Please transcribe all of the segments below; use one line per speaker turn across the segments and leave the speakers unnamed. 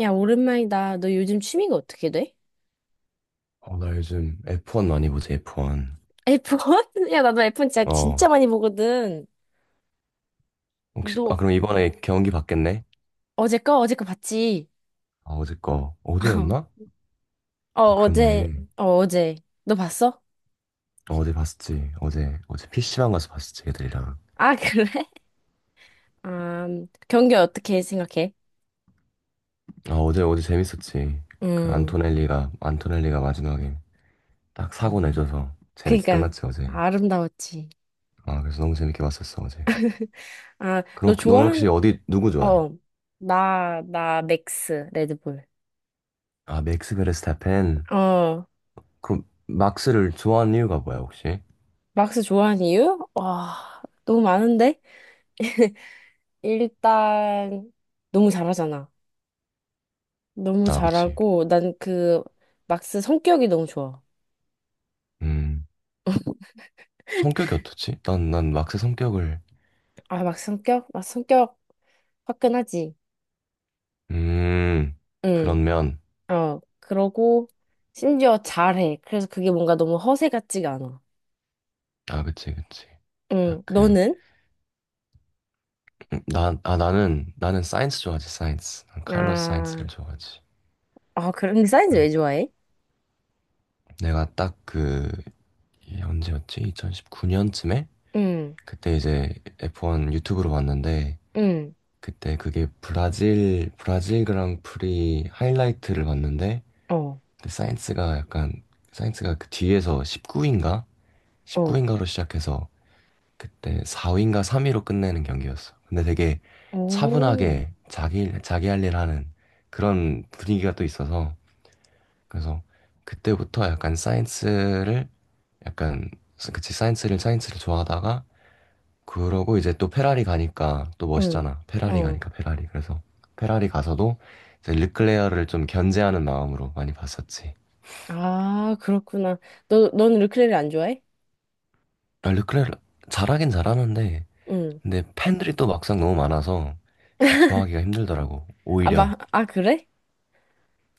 야, 오랜만이다. 너 요즘 취미가 어떻게 돼?
어, 나 요즘 F1 많이 보지, F1.
F1? 야, 나도 F1 진짜, 진짜
어,
많이 보거든.
혹시,
너
그럼 이번에 경기 봤겠네?
어제 거? 어제 거 봤지?
아, 어제 거. 어제였나?
어,
어,
어제.
그렇네.
어, 어제. 너 봤어?
어, 어제 봤었지. 어제 PC방 가서 봤었지, 애들이랑.
아, 그래? 아, 경기 어떻게 생각해?
아, 어제 재밌었지.
음,
안토넬리가 마지막에 딱 사고 내줘서 재밌게
그니까,
끝났지, 어제.
아름다웠지.
아, 그래서 너무 재밌게 봤었어, 어제.
아,
그럼
너
너는
좋아한,
혹시 어디, 누구 좋아해?
어, 나, 나, 맥스, 레드불.
아, 맥스 베르스타펜.
어,
그럼, 막스를 좋아하는 이유가 뭐야, 혹시?
막스 좋아하는 이유? 와, 너무 많은데? 일단, 너무 잘하잖아. 너무
아, 그치.
잘하고 난 막스 성격이 너무 좋아.
음, 성격이 어떻지? 난 막스 성격을.
아, 막 성격? 막 성격 화끈하지.
음,
응.
그런 면.
어. 그러고 심지어 잘해. 그래서 그게 뭔가 너무 허세 같지가 않아.
아, 그치, 그치. 딱
응. 너는?
나는 사이언스 좋아하지, 사이언스. 난 칼럼 사이언스를
아.
좋아하지.
아, 그런데 사이즈
난
왜 좋아해?
내가 딱 이 언제였지? 2019년쯤에?
응.
그때 이제 F1 유튜브로 봤는데,
응.
그때 그게 브라질 그랑프리 하이라이트를 봤는데,
어.
근데 사이언스가 그 뒤에서 19인가?
어.
19인가로 시작해서 그때 4위인가 3위로 끝내는 경기였어. 근데 되게
오.
차분하게 자기 할 일 하는 그런 분위기가 또 있어서 그래서 그때부터 약간 사이언스를 약간 그치 사이언스를 좋아하다가 그러고 이제 또 페라리 가니까 또
응.
멋있잖아. 페라리
어.
가니까 페라리. 그래서 페라리 가서도 이제 르클레어를 좀 견제하는 마음으로 많이 봤었지.
아, 그렇구나. 너 너는 르클레를 안 좋아해?
아, 르클레어 잘하긴 잘하는데
응.
근데 팬들이 또 막상 너무 많아서 좋아하기가 힘들더라고.
아,
오히려
막, 아, 그래?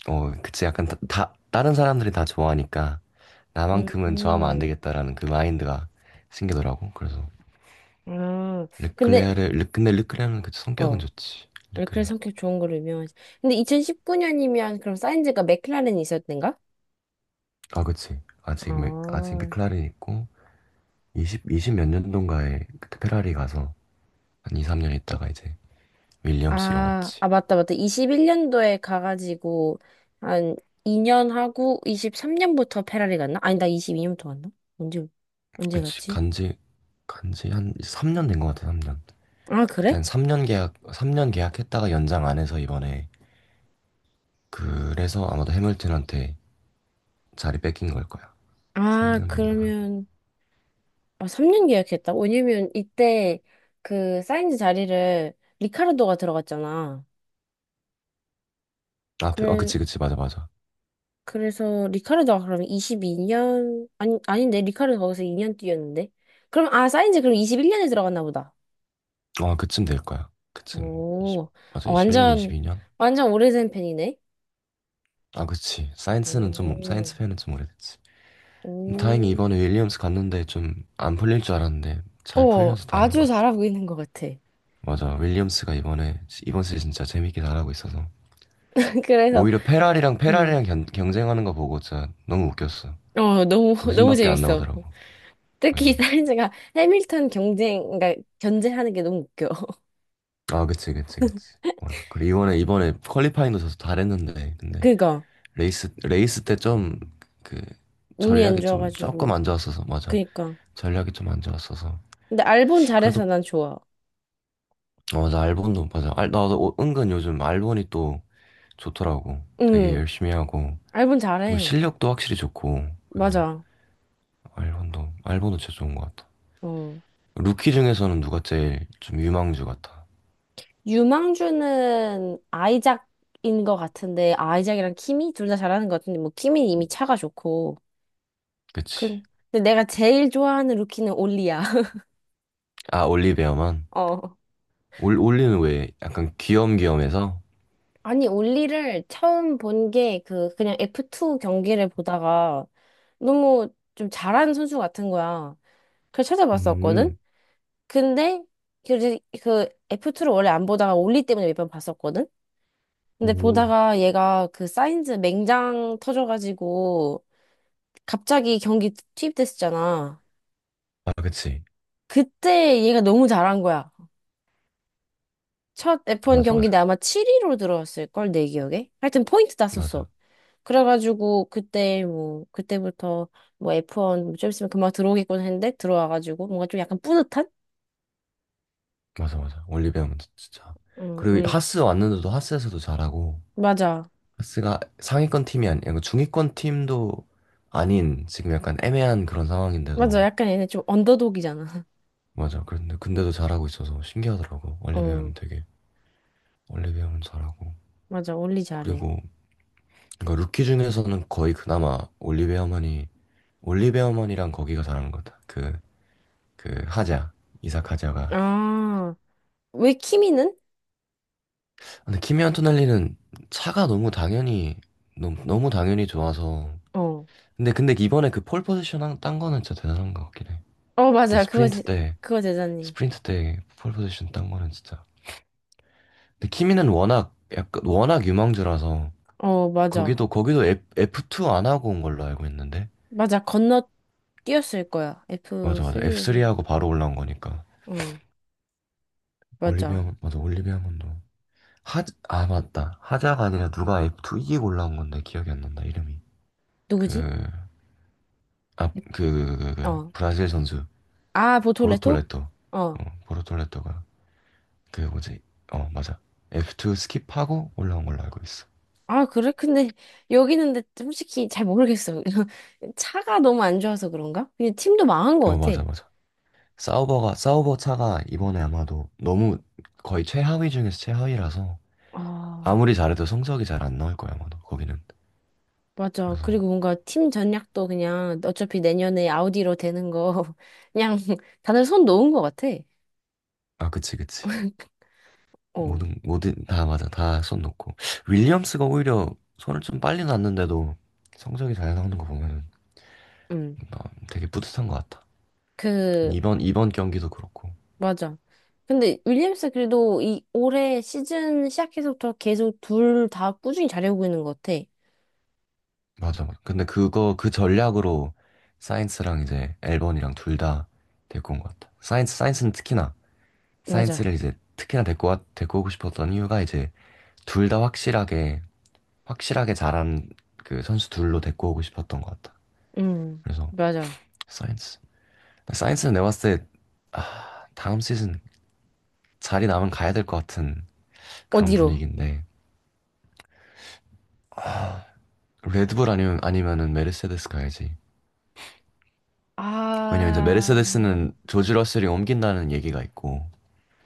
어, 그치. 약간 다른 사람들이 다 좋아하니까
음.
나만큼은 좋아하면 안 되겠다라는 그 마인드가 생기더라고. 그래서
아. 근데
근데 르클레르는 그치. 성격은
어.
좋지.
원래 그래
르클레르.
성격 좋은 걸로 유명하지. 근데 2019년이면 그럼 사인즈가 맥클라렌이 있었던가?
아, 그치. 아직
아,
맥클라렌 있고 이십 몇 년도인가에 그때 페라리 가서 한 2, 3년 있다가 이제 윌리엄스로
아,
갔지.
아, 맞다, 맞다. 21년도에 가가지고, 한 2년 하고, 23년부터 페라리 갔나? 아니, 나 22년부터 갔나? 언제, 언제
그치.
갔지?
간지 한 3년 된 것 같아, 3년.
아,
그때
그래?
한 3년 계약, 3년 계약했다가 연장 안 해서 이번에 그래서 아마도 해밀턴한테 자리 뺏긴 걸 거야.
아,
3년 정도 하고.
그러면, 아, 3년 계약했다? 왜냐면, 이때, 그, 사인즈 자리를 리카르도가 들어갔잖아.
아,
그래,
그치, 그치, 맞아, 맞아.
그래서 리카르도가 그러면 22년, 아니, 아닌데 리카르도 거기서 2년 뛰었는데, 그럼, 아, 사인즈 그럼 21년에 들어갔나 보다.
아, 그쯤 될 거야. 그쯤 이십
오.
맞아,
어,
21년,
완전
22년?
완전 오래된 팬이네.
아, 그치.
오.
사이언스 팬은 좀 오래됐지. 다행히
오.
이번에 윌리엄스 갔는데 좀 안 풀릴 줄 알았는데 잘
어,
풀려서 다행인
아주
것 같아.
잘하고 있는 것 같아.
맞아, 윌리엄스가 이번 시즌 진짜 재밌게 잘하고 있어서.
그래서
오히려 페라리랑,
음
페라리랑 경쟁하는 거 보고 진짜 너무 웃겼어.
너무 너무
웃음밖에 안
재밌어.
나오더라고. 그래서.
특히 사인즈가 해밀턴 경쟁, 그러니까 견제하는 게 너무 웃겨.
아, 그치, 그치, 그치. 맞아. 그리고 이번에 퀄리파잉도 져서 잘했는데, 근데.
그니까.
레이스 때 좀 그
운이 안
전략이 좀 조금
좋아가지고.
안 좋았어서 맞아.
그니까,
전략이 좀 안 좋았어서
근데 알본
그래도
잘해서 난 좋아.
어, 맞아, 알본도 맞아, 나도 은근 요즘 알본이 또 좋더라고. 되게
응.
열심히 하고
알본
또
잘해.
실력도 확실히 좋고 그래서
맞아.
알본도 진짜 좋은 것 같아.
어.
루키 중에서는 누가 제일 좀 유망주 같아?
유망주는 아이작인 것 같은데, 아이작이랑 키미? 둘 다 잘하는 것 같은데, 뭐, 키미는 이미 차가 좋고. 그-
그치.
근데 내가 제일 좋아하는 루키는 올리야.
아, 올리베어만.
어.
올 올리는 왜 약간 귀염귀염해서.
아니, 올리를 처음 본 게 그냥 F2 경기를 보다가 너무 좀 잘하는 선수 같은 거야. 그래서 찾아봤었거든?
음,
근데, 그 F2를 원래 안 보다가 올리 때문에 몇 번 봤었거든? 근데
오.
보다가 얘가 그 사인즈 맹장 터져가지고 갑자기 경기 투입됐었잖아.
아, 그치.
그때 얘가 너무 잘한 거야. 첫 F1
맞아,
경기인데
맞아.
아마 7위로 들어왔을걸, 내 기억에? 하여튼 포인트 땄었어.
맞아.
그래가지고 그때부터 뭐 F1 좀 있으면 금방 들어오겠구나 했는데 들어와가지고 뭔가 좀 약간 뿌듯한?
맞아, 맞아. 올리베어는 진짜.
응,
그리고
우리.
하스 왔는데도 하스에서도 잘하고,
맞아.
하스가 상위권 팀이 아니고 중위권 팀도 아닌 지금 약간 애매한 그런
맞아.
상황인데도,
약간 얘네 좀 언더독이잖아.
맞아. 근데도 잘하고 있어서 신기하더라고.
어,
올리베어는 잘하고.
맞아. 올리 잘해.
그리고, 루키 중에서는 거의 그나마 올리베어만이랑 거기가 잘하는 것 같아. 하자. 이삭 하자가.
아, 왜 키미는?
근데 키미 안토넬리는 차가 너무 당연히 좋아서,
어.
근데 이번에 그 폴 포지션 딴 거는 진짜 대단한 것 같긴 해.
어,
그때
맞아.
스프린트 때
그거 대단히.
스프린트 때 폴 포지션 딴 거는 진짜. 근데 키미는 워낙 약간 워낙 유망주라서
어, 맞아.
거기도 F2 안 하고 온 걸로 알고 있는데.
맞아. 건너 뛰었을 거야.
맞아, 맞아. F3
F3에서.
하고 바로 올라온 거니까.
어, 맞아.
올리비아 맞아, 올리비아 건도. 아, 맞다. 하자가 아니라 누가 F2 이기고 올라온 건데 기억이 안 난다 이름이. 그,
누구지?
그
어.
브라질 선수
아, 보톨레토?
보르톨레토.
어.
어, 보르톨레토가 그 뭐지? 어, 맞아. F2 스킵하고 올라온 걸로 알고 있어.
아, 그래? 근데 여기는, 근데 솔직히 잘 모르겠어. 차가 너무 안 좋아서 그런가? 그냥 팀도 망한
어,
것 같아.
맞아, 맞아. 사우버 차가 이번에 아마도 너무 거의 최하위 중에서 최하위라서
아,
아무리 잘해도 성적이 잘 안 나올 거야, 아마도. 거기는.
맞아.
그래서,
그리고 뭔가 팀 전략도 그냥 어차피 내년에 아우디로 되는 거 그냥 다들 손 놓은 것 같아.
아, 그치, 그치.
어,
다 맞아. 다 손놓고. 윌리엄스가 오히려 손을 좀 빨리 놨는데도 성적이 잘 나오는 거 보면은
음.
나 되게 뿌듯한 것 같아.
그
이번 경기도 그렇고.
맞아. 근데 윌리엄스 그래도 이 올해 시즌 시작해서부터 계속 둘 다 꾸준히 잘해오고 있는 것 같아.
맞아. 맞아. 근데 그거 그 전략으로 사이언스랑 이제 앨범이랑 둘 다 데리고 온 것 같아. 사이언스는 특히나
맞아.
사이언스를 이제 특히나 데리고 오고 싶었던 이유가 이제 둘 다 확실하게 잘한 그 선수 둘로 데리고 오고 싶었던 것 같아.
음,
그래서
맞아.
사이언스 사이언스는 내가 봤을 때 아, 다음 시즌 자리 남은 가야 될 것 같은 그런
어디로?
분위기인데 레드불 아니면은 메르세데스 가야지. 왜냐면 이제
아,
메르세데스는 조지 러셀이 옮긴다는 얘기가 있고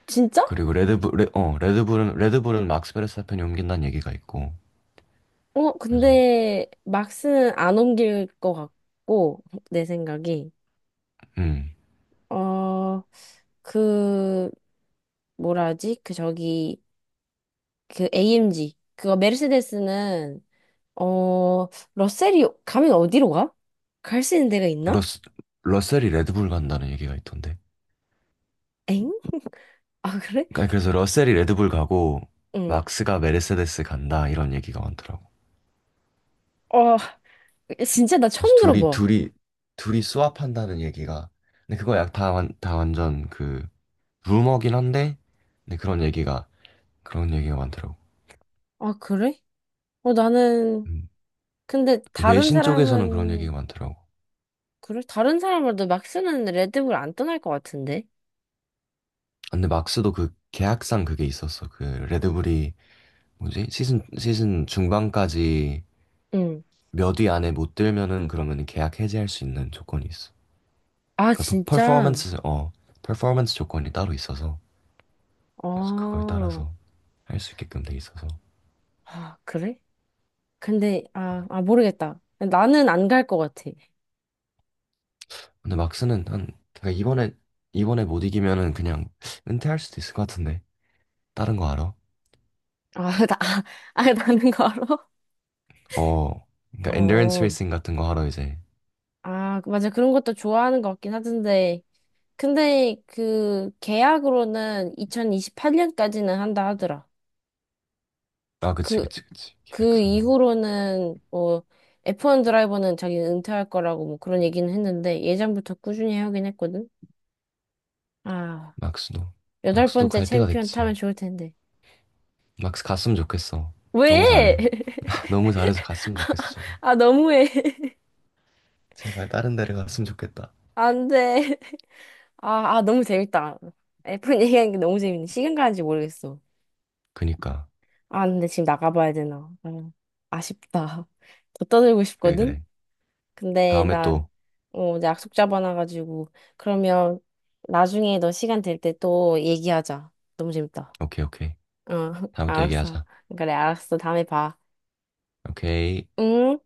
진짜?
그리고 레드불은 막스 베르스타펜이 옮긴다는 얘기가 있고,
어,
그래서,
근데 막스는 안 옮길 것 같고, 내 생각이.
음,
어, 그, 뭐라 하지? 그 저기, 그 AMG. 그거 메르세데스는, 어, 러셀이 가면 어디로 가? 갈 수 있는 데가 있나?
러스, 러셀이 레드불 간다는 얘기가 있던데.
엥? 아, 그래?
그러니까 그래서 러셀이 레드불 가고,
응.
막스가 메르세데스 간다, 이런 얘기가 많더라고.
어, 진짜 나
그래서
처음
둘이,
들어봐.
둘이, 둘이 스왑한다는 얘기가, 근데 그거 다 완전 루머긴 한데, 근데 그런 얘기가 많더라고.
아, 그래? 어, 나는,
음,
근데 다른
외신 쪽에서는 그런 얘기가
사람은,
많더라고.
그래? 다른 사람으로도 막 쓰는 레드불 안 떠날 것 같은데?
근데 막스도 그 계약상 그게 있었어. 그 레드불이 뭐지? 시즌 중반까지
응.
몇 위 안에 못 들면은 그러면 계약 해지할 수 있는 조건이 있어.
아,
그러니까
진짜?
퍼포먼스 퍼포먼스 조건이 따로 있어서 그래서 그걸
어,
따라서 할 수 있게끔 돼 있어서.
아, 그래? 근데, 아, 아, 모르겠다. 나는 안 갈 것 같아.
근데 막스는 한 그러니까 이번에 못 이기면은 그냥 은퇴할 수도 있을 것 같은데 다른 거 알아?
아, 나는 걸어?
어, 그러니까 엔드런스
어,
레이싱 같은 거 하러 이제
아, 맞아. 그런 것도 좋아하는 것 같긴 하던데. 근데 그 계약으로는 2028년까지는 한다 하더라.
아, 그치,
그,
그치, 그치.
그
계약상으로
이후로는 뭐 F1 드라이버는 자기는 은퇴할 거라고 뭐 그런 얘기는 했는데 예전부터 꾸준히 하긴 했거든. 아,
막스도
여덟
막스도
번째
갈 때가
챔피언 타면
됐지.
좋을 텐데.
막스 갔으면 좋겠어. 너무
왜?
잘해. 너무 잘해서 갔으면 좋겠어, 제발.
아, 너무해.
제발 다른 데를 갔으면 좋겠다.
안 돼. 아, 아, 너무 재밌다. F1 얘기하는 게 너무 재밌네. 시간 가는지 모르겠어.
그니까.
아, 근데 지금 나가봐야 되나. 아, 아쉽다. 더 떠들고
그래,
싶거든?
그래.
근데
다음에
나,
또,
이제 약속 잡아놔가지고. 그러면 나중에 너 시간 될 때 또 얘기하자. 너무 재밌다.
오케이, 오케이.
어,
다음에 또
알았어.
얘기하자.
그래, 알았어. 다음에 봐.
오케이.
응?